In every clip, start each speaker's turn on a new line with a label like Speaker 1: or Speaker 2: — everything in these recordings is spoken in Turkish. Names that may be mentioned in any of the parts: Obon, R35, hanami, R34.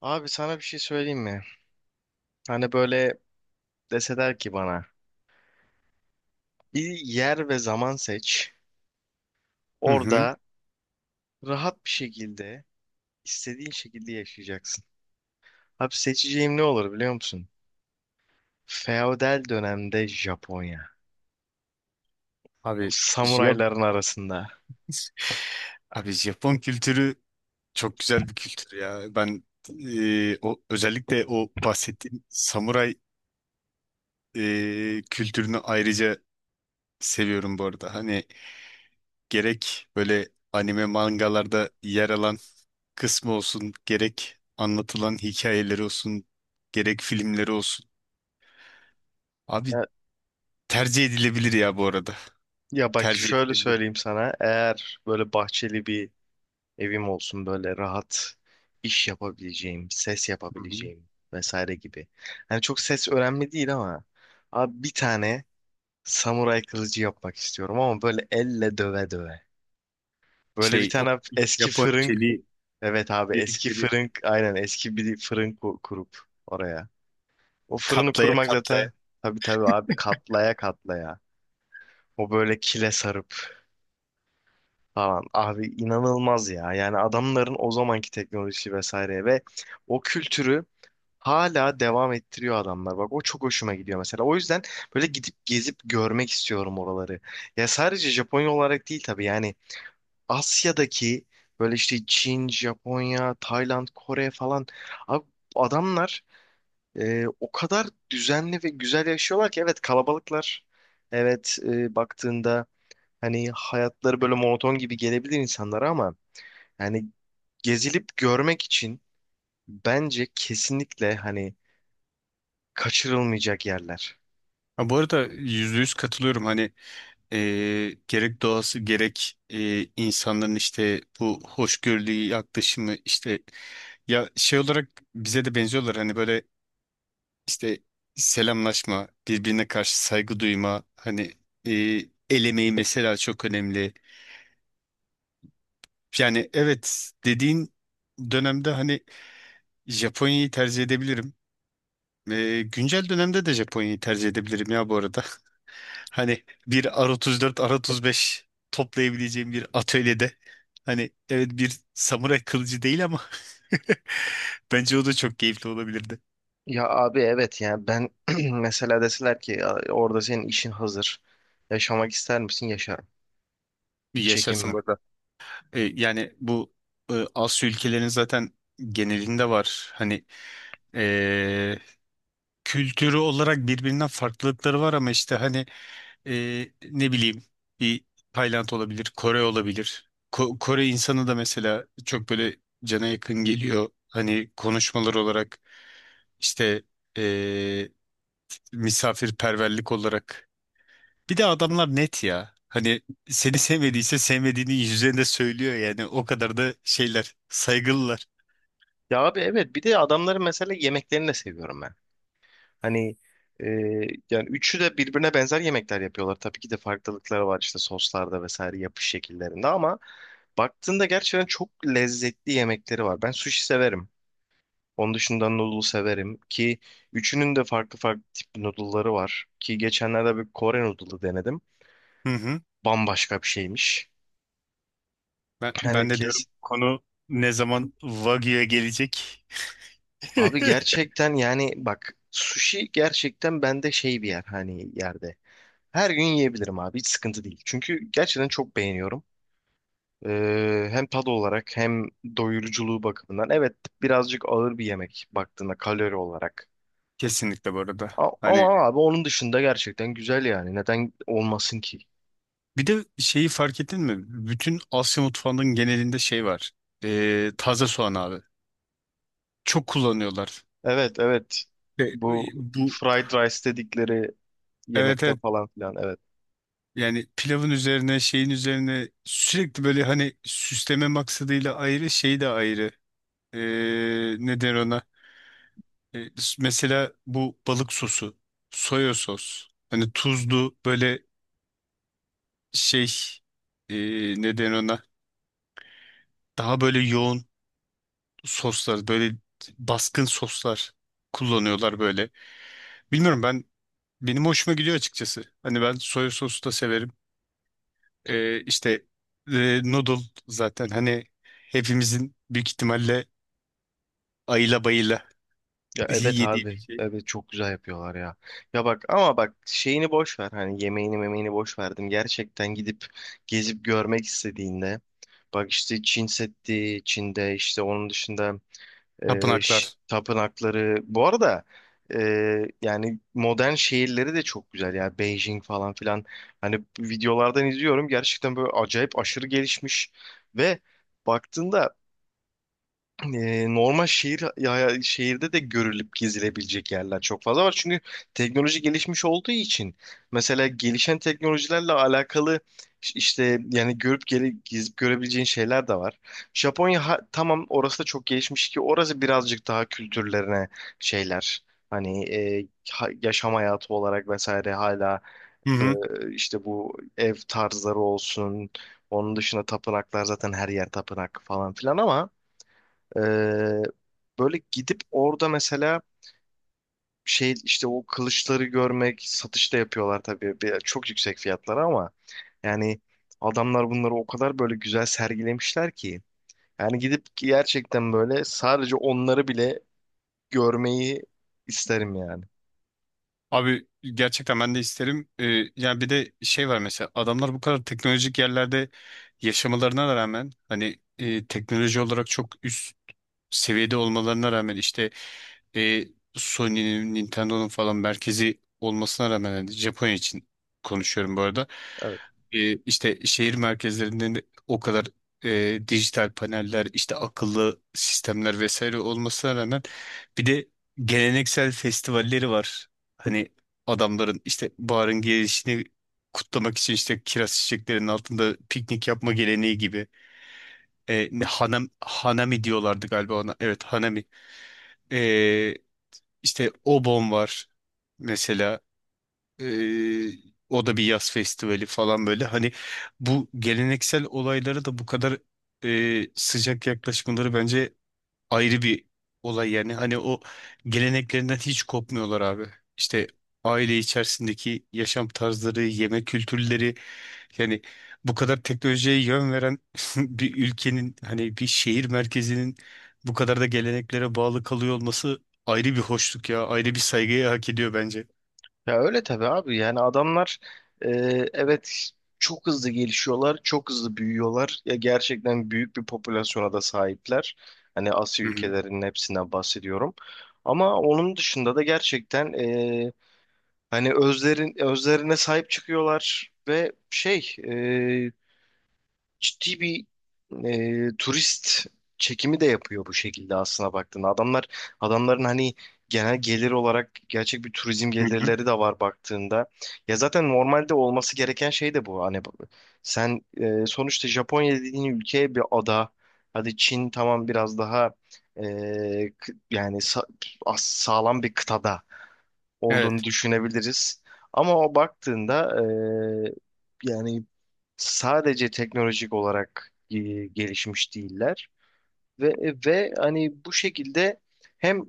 Speaker 1: Abi sana bir şey söyleyeyim mi? Hani böyle deseler ki bana bir yer ve zaman seç.
Speaker 2: Hı hı.
Speaker 1: Orada rahat bir şekilde istediğin şekilde yaşayacaksın. Abi seçeceğim ne olur biliyor musun? Feodal dönemde Japonya. O
Speaker 2: Abi, Jap
Speaker 1: samurayların arasında.
Speaker 2: abi Japon kültürü çok güzel bir kültür ya. O özellikle o bahsettiğim samuray kültürünü ayrıca seviyorum bu arada. Hani gerek böyle anime mangalarda yer alan kısmı olsun, gerek anlatılan hikayeleri olsun, gerek filmleri olsun. Abi
Speaker 1: Ya,
Speaker 2: tercih edilebilir ya bu arada.
Speaker 1: ya, bak
Speaker 2: Tercih
Speaker 1: şöyle
Speaker 2: edilebilir.
Speaker 1: söyleyeyim sana. Eğer böyle bahçeli bir evim olsun böyle rahat iş yapabileceğim, ses
Speaker 2: Hı hı.
Speaker 1: yapabileceğim vesaire gibi. Hani çok ses önemli değil ama abi bir tane Samuray kılıcı yapmak istiyorum ama böyle elle döve döve. Böyle bir
Speaker 2: O
Speaker 1: tane eski
Speaker 2: Japon
Speaker 1: fırın,
Speaker 2: çeliği
Speaker 1: evet abi eski
Speaker 2: dedikleri
Speaker 1: fırın, aynen eski bir fırın kurup oraya. O fırını
Speaker 2: katla
Speaker 1: kurmak zaten tabii tabii abi katlaya katlaya. O böyle kile sarıp falan. Abi inanılmaz ya. Yani adamların o zamanki teknolojisi vesaire ve o kültürü hala devam ettiriyor adamlar. Bak o çok hoşuma gidiyor mesela. O yüzden böyle gidip gezip görmek istiyorum oraları. Ya sadece Japonya olarak değil tabii yani Asya'daki böyle işte Çin, Japonya, Tayland, Kore falan abi adamlar o kadar düzenli ve güzel yaşıyorlar ki evet kalabalıklar. Evet baktığında hani hayatları böyle monoton gibi gelebilir insanlara ama yani gezilip görmek için bence kesinlikle hani kaçırılmayacak yerler.
Speaker 2: Ha, bu arada yüzde yüz katılıyorum. Hani gerek doğası gerek insanların işte bu hoşgörülü yaklaşımı ya şey olarak bize de benziyorlar. Hani böyle işte selamlaşma, birbirine karşı saygı duyma, hani e, el emeği mesela çok önemli. Yani evet dediğin dönemde hani Japonya'yı tercih edebilirim. Güncel dönemde de Japonya'yı tercih edebilirim ya bu arada. Hani bir R34, R35 toplayabileceğim bir atölyede. Hani evet bir samuray kılıcı değil ama bence o da çok keyifli olabilirdi.
Speaker 1: Ya abi evet yani ben mesela deseler ki "Ya orada senin işin hazır. Yaşamak ister misin? Yaşarım.
Speaker 2: Bir
Speaker 1: Hiç
Speaker 2: yaşarsın
Speaker 1: çekinmem."
Speaker 2: burada. Yani bu Asya ülkelerinin zaten genelinde var. Hani kültürü olarak birbirinden farklılıkları var ama işte hani ne bileyim bir Tayland olabilir, Kore olabilir. Kore insanı da mesela çok böyle cana yakın geliyor. Hani konuşmalar olarak işte e, misafirperverlik olarak. Bir de adamlar net ya. Hani seni sevmediyse sevmediğini yüzlerinde söylüyor yani. O kadar da şeyler, saygılılar.
Speaker 1: Ya abi evet bir de adamların mesela yemeklerini de seviyorum ben. Hani e, yani üçü de birbirine benzer yemekler yapıyorlar. Tabii ki de farklılıkları var işte soslarda vesaire yapış şekillerinde ama baktığında gerçekten çok lezzetli yemekleri var. Ben sushi severim. Onun dışında noodle severim ki üçünün de farklı farklı tip noodle'ları var. Ki geçenlerde bir Kore noodle'ı denedim.
Speaker 2: Hı hı.
Speaker 1: Bambaşka bir şeymiş.
Speaker 2: Ben,
Speaker 1: Yani
Speaker 2: ben de diyorum
Speaker 1: kes.
Speaker 2: konu ne zaman Wagyu'ya gelecek?
Speaker 1: Abi gerçekten yani bak sushi gerçekten bende şey bir yer hani yerde. Her gün yiyebilirim abi. Hiç sıkıntı değil. Çünkü gerçekten çok beğeniyorum. Hem tad olarak hem doyuruculuğu bakımından. Evet birazcık ağır bir yemek baktığında kalori olarak.
Speaker 2: Kesinlikle bu arada. Hani
Speaker 1: Ama abi onun dışında gerçekten güzel yani. Neden olmasın ki?
Speaker 2: bir de şeyi fark ettin mi? Bütün Asya mutfağının genelinde şey var. Taze soğan abi. Çok kullanıyorlar.
Speaker 1: Evet, evet.
Speaker 2: Ve
Speaker 1: Bu
Speaker 2: e, bu
Speaker 1: fried rice dedikleri
Speaker 2: evet
Speaker 1: yemekte
Speaker 2: evet
Speaker 1: falan filan. Evet.
Speaker 2: yani pilavın üzerine şeyin üzerine sürekli böyle hani süsleme maksadıyla ayrı şey de ayrı. Ne der ona? Ee, Mesela bu balık sosu. Soya sos. Hani tuzlu böyle şey ee, ne der ona? Daha böyle yoğun soslar, böyle baskın soslar kullanıyorlar böyle. Bilmiyorum, benim hoşuma gidiyor açıkçası. Hani ben soya sosu da severim. İşte e, noodle zaten hani hepimizin büyük ihtimalle ayıla bayıla
Speaker 1: Ya evet
Speaker 2: yediği bir
Speaker 1: abi.
Speaker 2: şey.
Speaker 1: Evet çok güzel yapıyorlar ya. Ya bak ama bak şeyini boş ver. Hani yemeğini memeğini boş verdim. Gerçekten gidip gezip görmek istediğinde bak işte Çin Seddi, Çin'de işte onun dışında
Speaker 2: Tapınaklar.
Speaker 1: tapınakları. Bu arada e, yani modern şehirleri de çok güzel. Yani Beijing falan filan. Hani videolardan izliyorum. Gerçekten böyle acayip aşırı gelişmiş ve baktığında normal şehir ya, şehirde de görülüp gezilebilecek yerler çok fazla var. Çünkü teknoloji gelişmiş olduğu için mesela gelişen teknolojilerle alakalı işte yani gezip görebileceğin şeyler de var. Japonya tamam orası da çok gelişmiş ki orası birazcık daha kültürlerine şeyler hani yaşam hayatı olarak vesaire hala
Speaker 2: Hı
Speaker 1: e,
Speaker 2: hı.
Speaker 1: işte bu ev tarzları olsun. Onun dışında tapınaklar zaten her yer tapınak falan filan ama ee, böyle gidip orada mesela şey işte o kılıçları görmek satışta yapıyorlar tabii bir, çok yüksek fiyatlara ama yani adamlar bunları o kadar böyle güzel sergilemişler ki yani gidip gerçekten böyle sadece onları bile görmeyi isterim yani.
Speaker 2: Abi gerçekten ben de isterim. Yani bir de şey var mesela adamlar bu kadar teknolojik yerlerde yaşamalarına rağmen hani teknoloji olarak çok üst seviyede olmalarına rağmen işte e, Sony'nin, Nintendo'nun falan merkezi olmasına rağmen hani Japonya için konuşuyorum bu arada. İşte şehir merkezlerinde de o kadar dijital paneller, işte akıllı sistemler vesaire olmasına rağmen bir de geleneksel festivalleri var. Hani adamların işte baharın gelişini kutlamak için işte kiraz çiçeklerinin altında piknik yapma geleneği gibi. Hanami diyorlardı galiba ona. Evet hanami. E, işte Obon var mesela. Ee, O da bir yaz festivali falan böyle. Hani bu geleneksel olaylara da bu kadar sıcak yaklaşmaları bence ayrı bir olay yani. Hani o geleneklerinden hiç kopmuyorlar abi. İşte aile içerisindeki yaşam tarzları, yemek kültürleri yani bu kadar teknolojiye yön veren bir ülkenin hani bir şehir merkezinin bu kadar da geleneklere bağlı kalıyor olması ayrı bir hoşluk ya. Ayrı bir saygıyı hak ediyor bence.
Speaker 1: Ya öyle tabii abi yani adamlar e, evet çok hızlı gelişiyorlar, çok hızlı büyüyorlar. Ya gerçekten büyük bir popülasyona da sahipler. Hani Asya
Speaker 2: Hı hı.
Speaker 1: ülkelerinin hepsinden bahsediyorum. Ama onun dışında da gerçekten hani özlerin özlerine sahip çıkıyorlar ve şey ciddi bir turist çekimi de yapıyor bu şekilde aslına baktığında. Adamların hani genel gelir olarak gerçek bir turizm
Speaker 2: Hı hı.
Speaker 1: gelirleri de var baktığında. Ya zaten normalde olması gereken şey de bu. Hani sen sonuçta Japonya dediğin ülke bir ada. Hadi Çin tamam biraz daha e, kı- yani sa- sağlam bir kıtada olduğunu
Speaker 2: Evet.
Speaker 1: düşünebiliriz. Ama o baktığında yani sadece teknolojik olarak gelişmiş değiller ve hani bu şekilde hem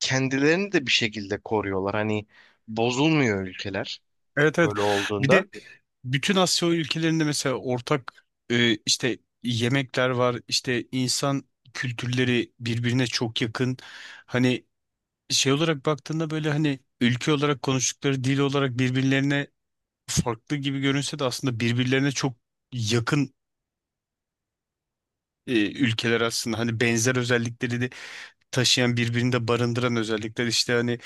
Speaker 1: kendilerini de bir şekilde koruyorlar. Hani bozulmuyor ülkeler
Speaker 2: Evet evet.
Speaker 1: böyle
Speaker 2: Bir
Speaker 1: olduğunda.
Speaker 2: de bütün Asya ülkelerinde mesela ortak e, işte yemekler var. İşte insan kültürleri birbirine çok yakın. Hani şey olarak baktığında böyle hani ülke olarak konuştukları dil olarak birbirlerine farklı gibi görünse de aslında birbirlerine çok yakın ülkeler aslında. Hani benzer özellikleri de taşıyan birbirinde barındıran özellikler işte hani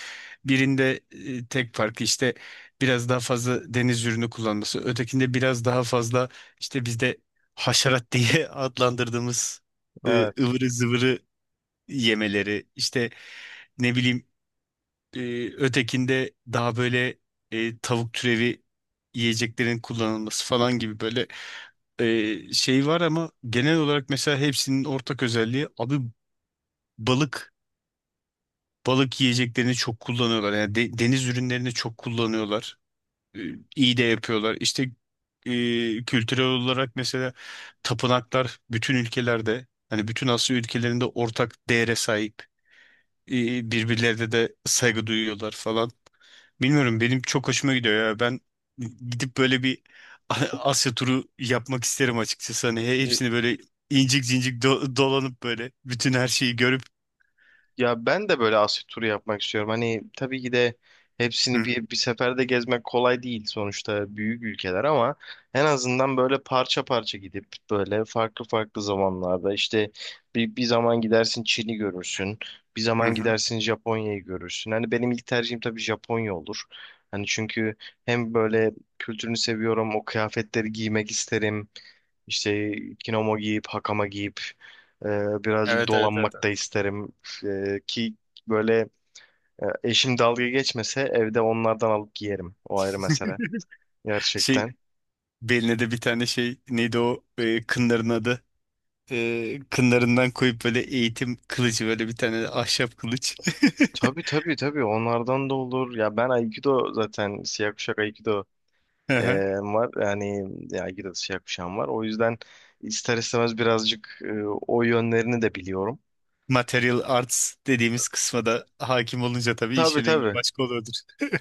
Speaker 2: birinde tek farkı işte biraz daha fazla deniz ürünü kullanması, ötekinde biraz daha fazla işte bizde haşerat diye adlandırdığımız
Speaker 1: Evet.
Speaker 2: ıvırı zıvırı yemeleri işte ne bileyim e, ötekinde daha böyle tavuk türevi yiyeceklerin kullanılması falan gibi böyle şey var ama genel olarak mesela hepsinin ortak özelliği abi balık balık yiyeceklerini çok kullanıyorlar. Yani deniz ürünlerini çok kullanıyorlar. Ee, İyi de yapıyorlar. İşte kültürel olarak mesela tapınaklar bütün ülkelerde hani bütün Asya ülkelerinde ortak değere sahip. Birbirlerine de saygı duyuyorlar falan. Bilmiyorum benim çok hoşuma gidiyor ya. Ben gidip böyle bir Asya turu yapmak isterim açıkçası. Hani hepsini böyle incik cincik dolanıp böyle bütün her şeyi görüp
Speaker 1: Ya ben de böyle Asya turu yapmak istiyorum. Hani tabii ki de hepsini
Speaker 2: Hı
Speaker 1: bir seferde gezmek kolay değil sonuçta büyük ülkeler ama en azından böyle parça parça gidip böyle farklı farklı zamanlarda işte bir zaman gidersin Çin'i görürsün. Bir
Speaker 2: hı.
Speaker 1: zaman
Speaker 2: Hı.
Speaker 1: gidersin Japonya'yı görürsün. Hani benim ilk tercihim tabii Japonya olur. Hani çünkü hem böyle kültürünü seviyorum, o kıyafetleri giymek isterim. İşte kimono giyip, hakama giyip e, birazcık
Speaker 2: Evet evet evet.
Speaker 1: dolanmak
Speaker 2: Evet.
Speaker 1: da isterim. Ki böyle eşim dalga geçmese evde onlardan alıp giyerim. O ayrı mesele.
Speaker 2: Şey
Speaker 1: Gerçekten.
Speaker 2: Beline de bir tane şey neydi o, kınların adı. Kınlarından koyup böyle eğitim kılıcı, böyle bir tane de ahşap kılıç.
Speaker 1: Tabii tabii tabii onlardan da olur. Ya ben Aikido zaten siyah kuşak Aikido
Speaker 2: Hı
Speaker 1: e,
Speaker 2: hı.
Speaker 1: var. Yani ya Aikido'da siyah kuşağım var. O yüzden ister istemez birazcık o yönlerini de biliyorum.
Speaker 2: Material arts dediğimiz kısma da hakim olunca tabii
Speaker 1: Tabii,
Speaker 2: işin rengi
Speaker 1: tabii.
Speaker 2: başka oluyordur.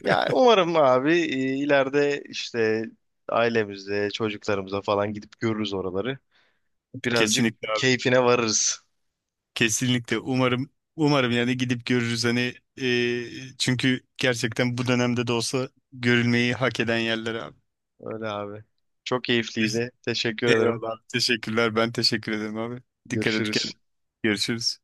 Speaker 1: Ya umarım abi ileride işte ailemize, çocuklarımıza falan gidip görürüz oraları. Birazcık
Speaker 2: Kesinlikle abi.
Speaker 1: keyfine varırız.
Speaker 2: Kesinlikle. Umarım yani gidip görürüz hani çünkü gerçekten bu dönemde de olsa görülmeyi hak eden yerler abi.
Speaker 1: Öyle abi. Çok
Speaker 2: Teş-
Speaker 1: keyifliydi. Teşekkür ederim.
Speaker 2: Eyvallah. Teşekkürler. Ben teşekkür ederim abi. Dikkat et
Speaker 1: Görüşürüz.
Speaker 2: kendine. Görüşürüz.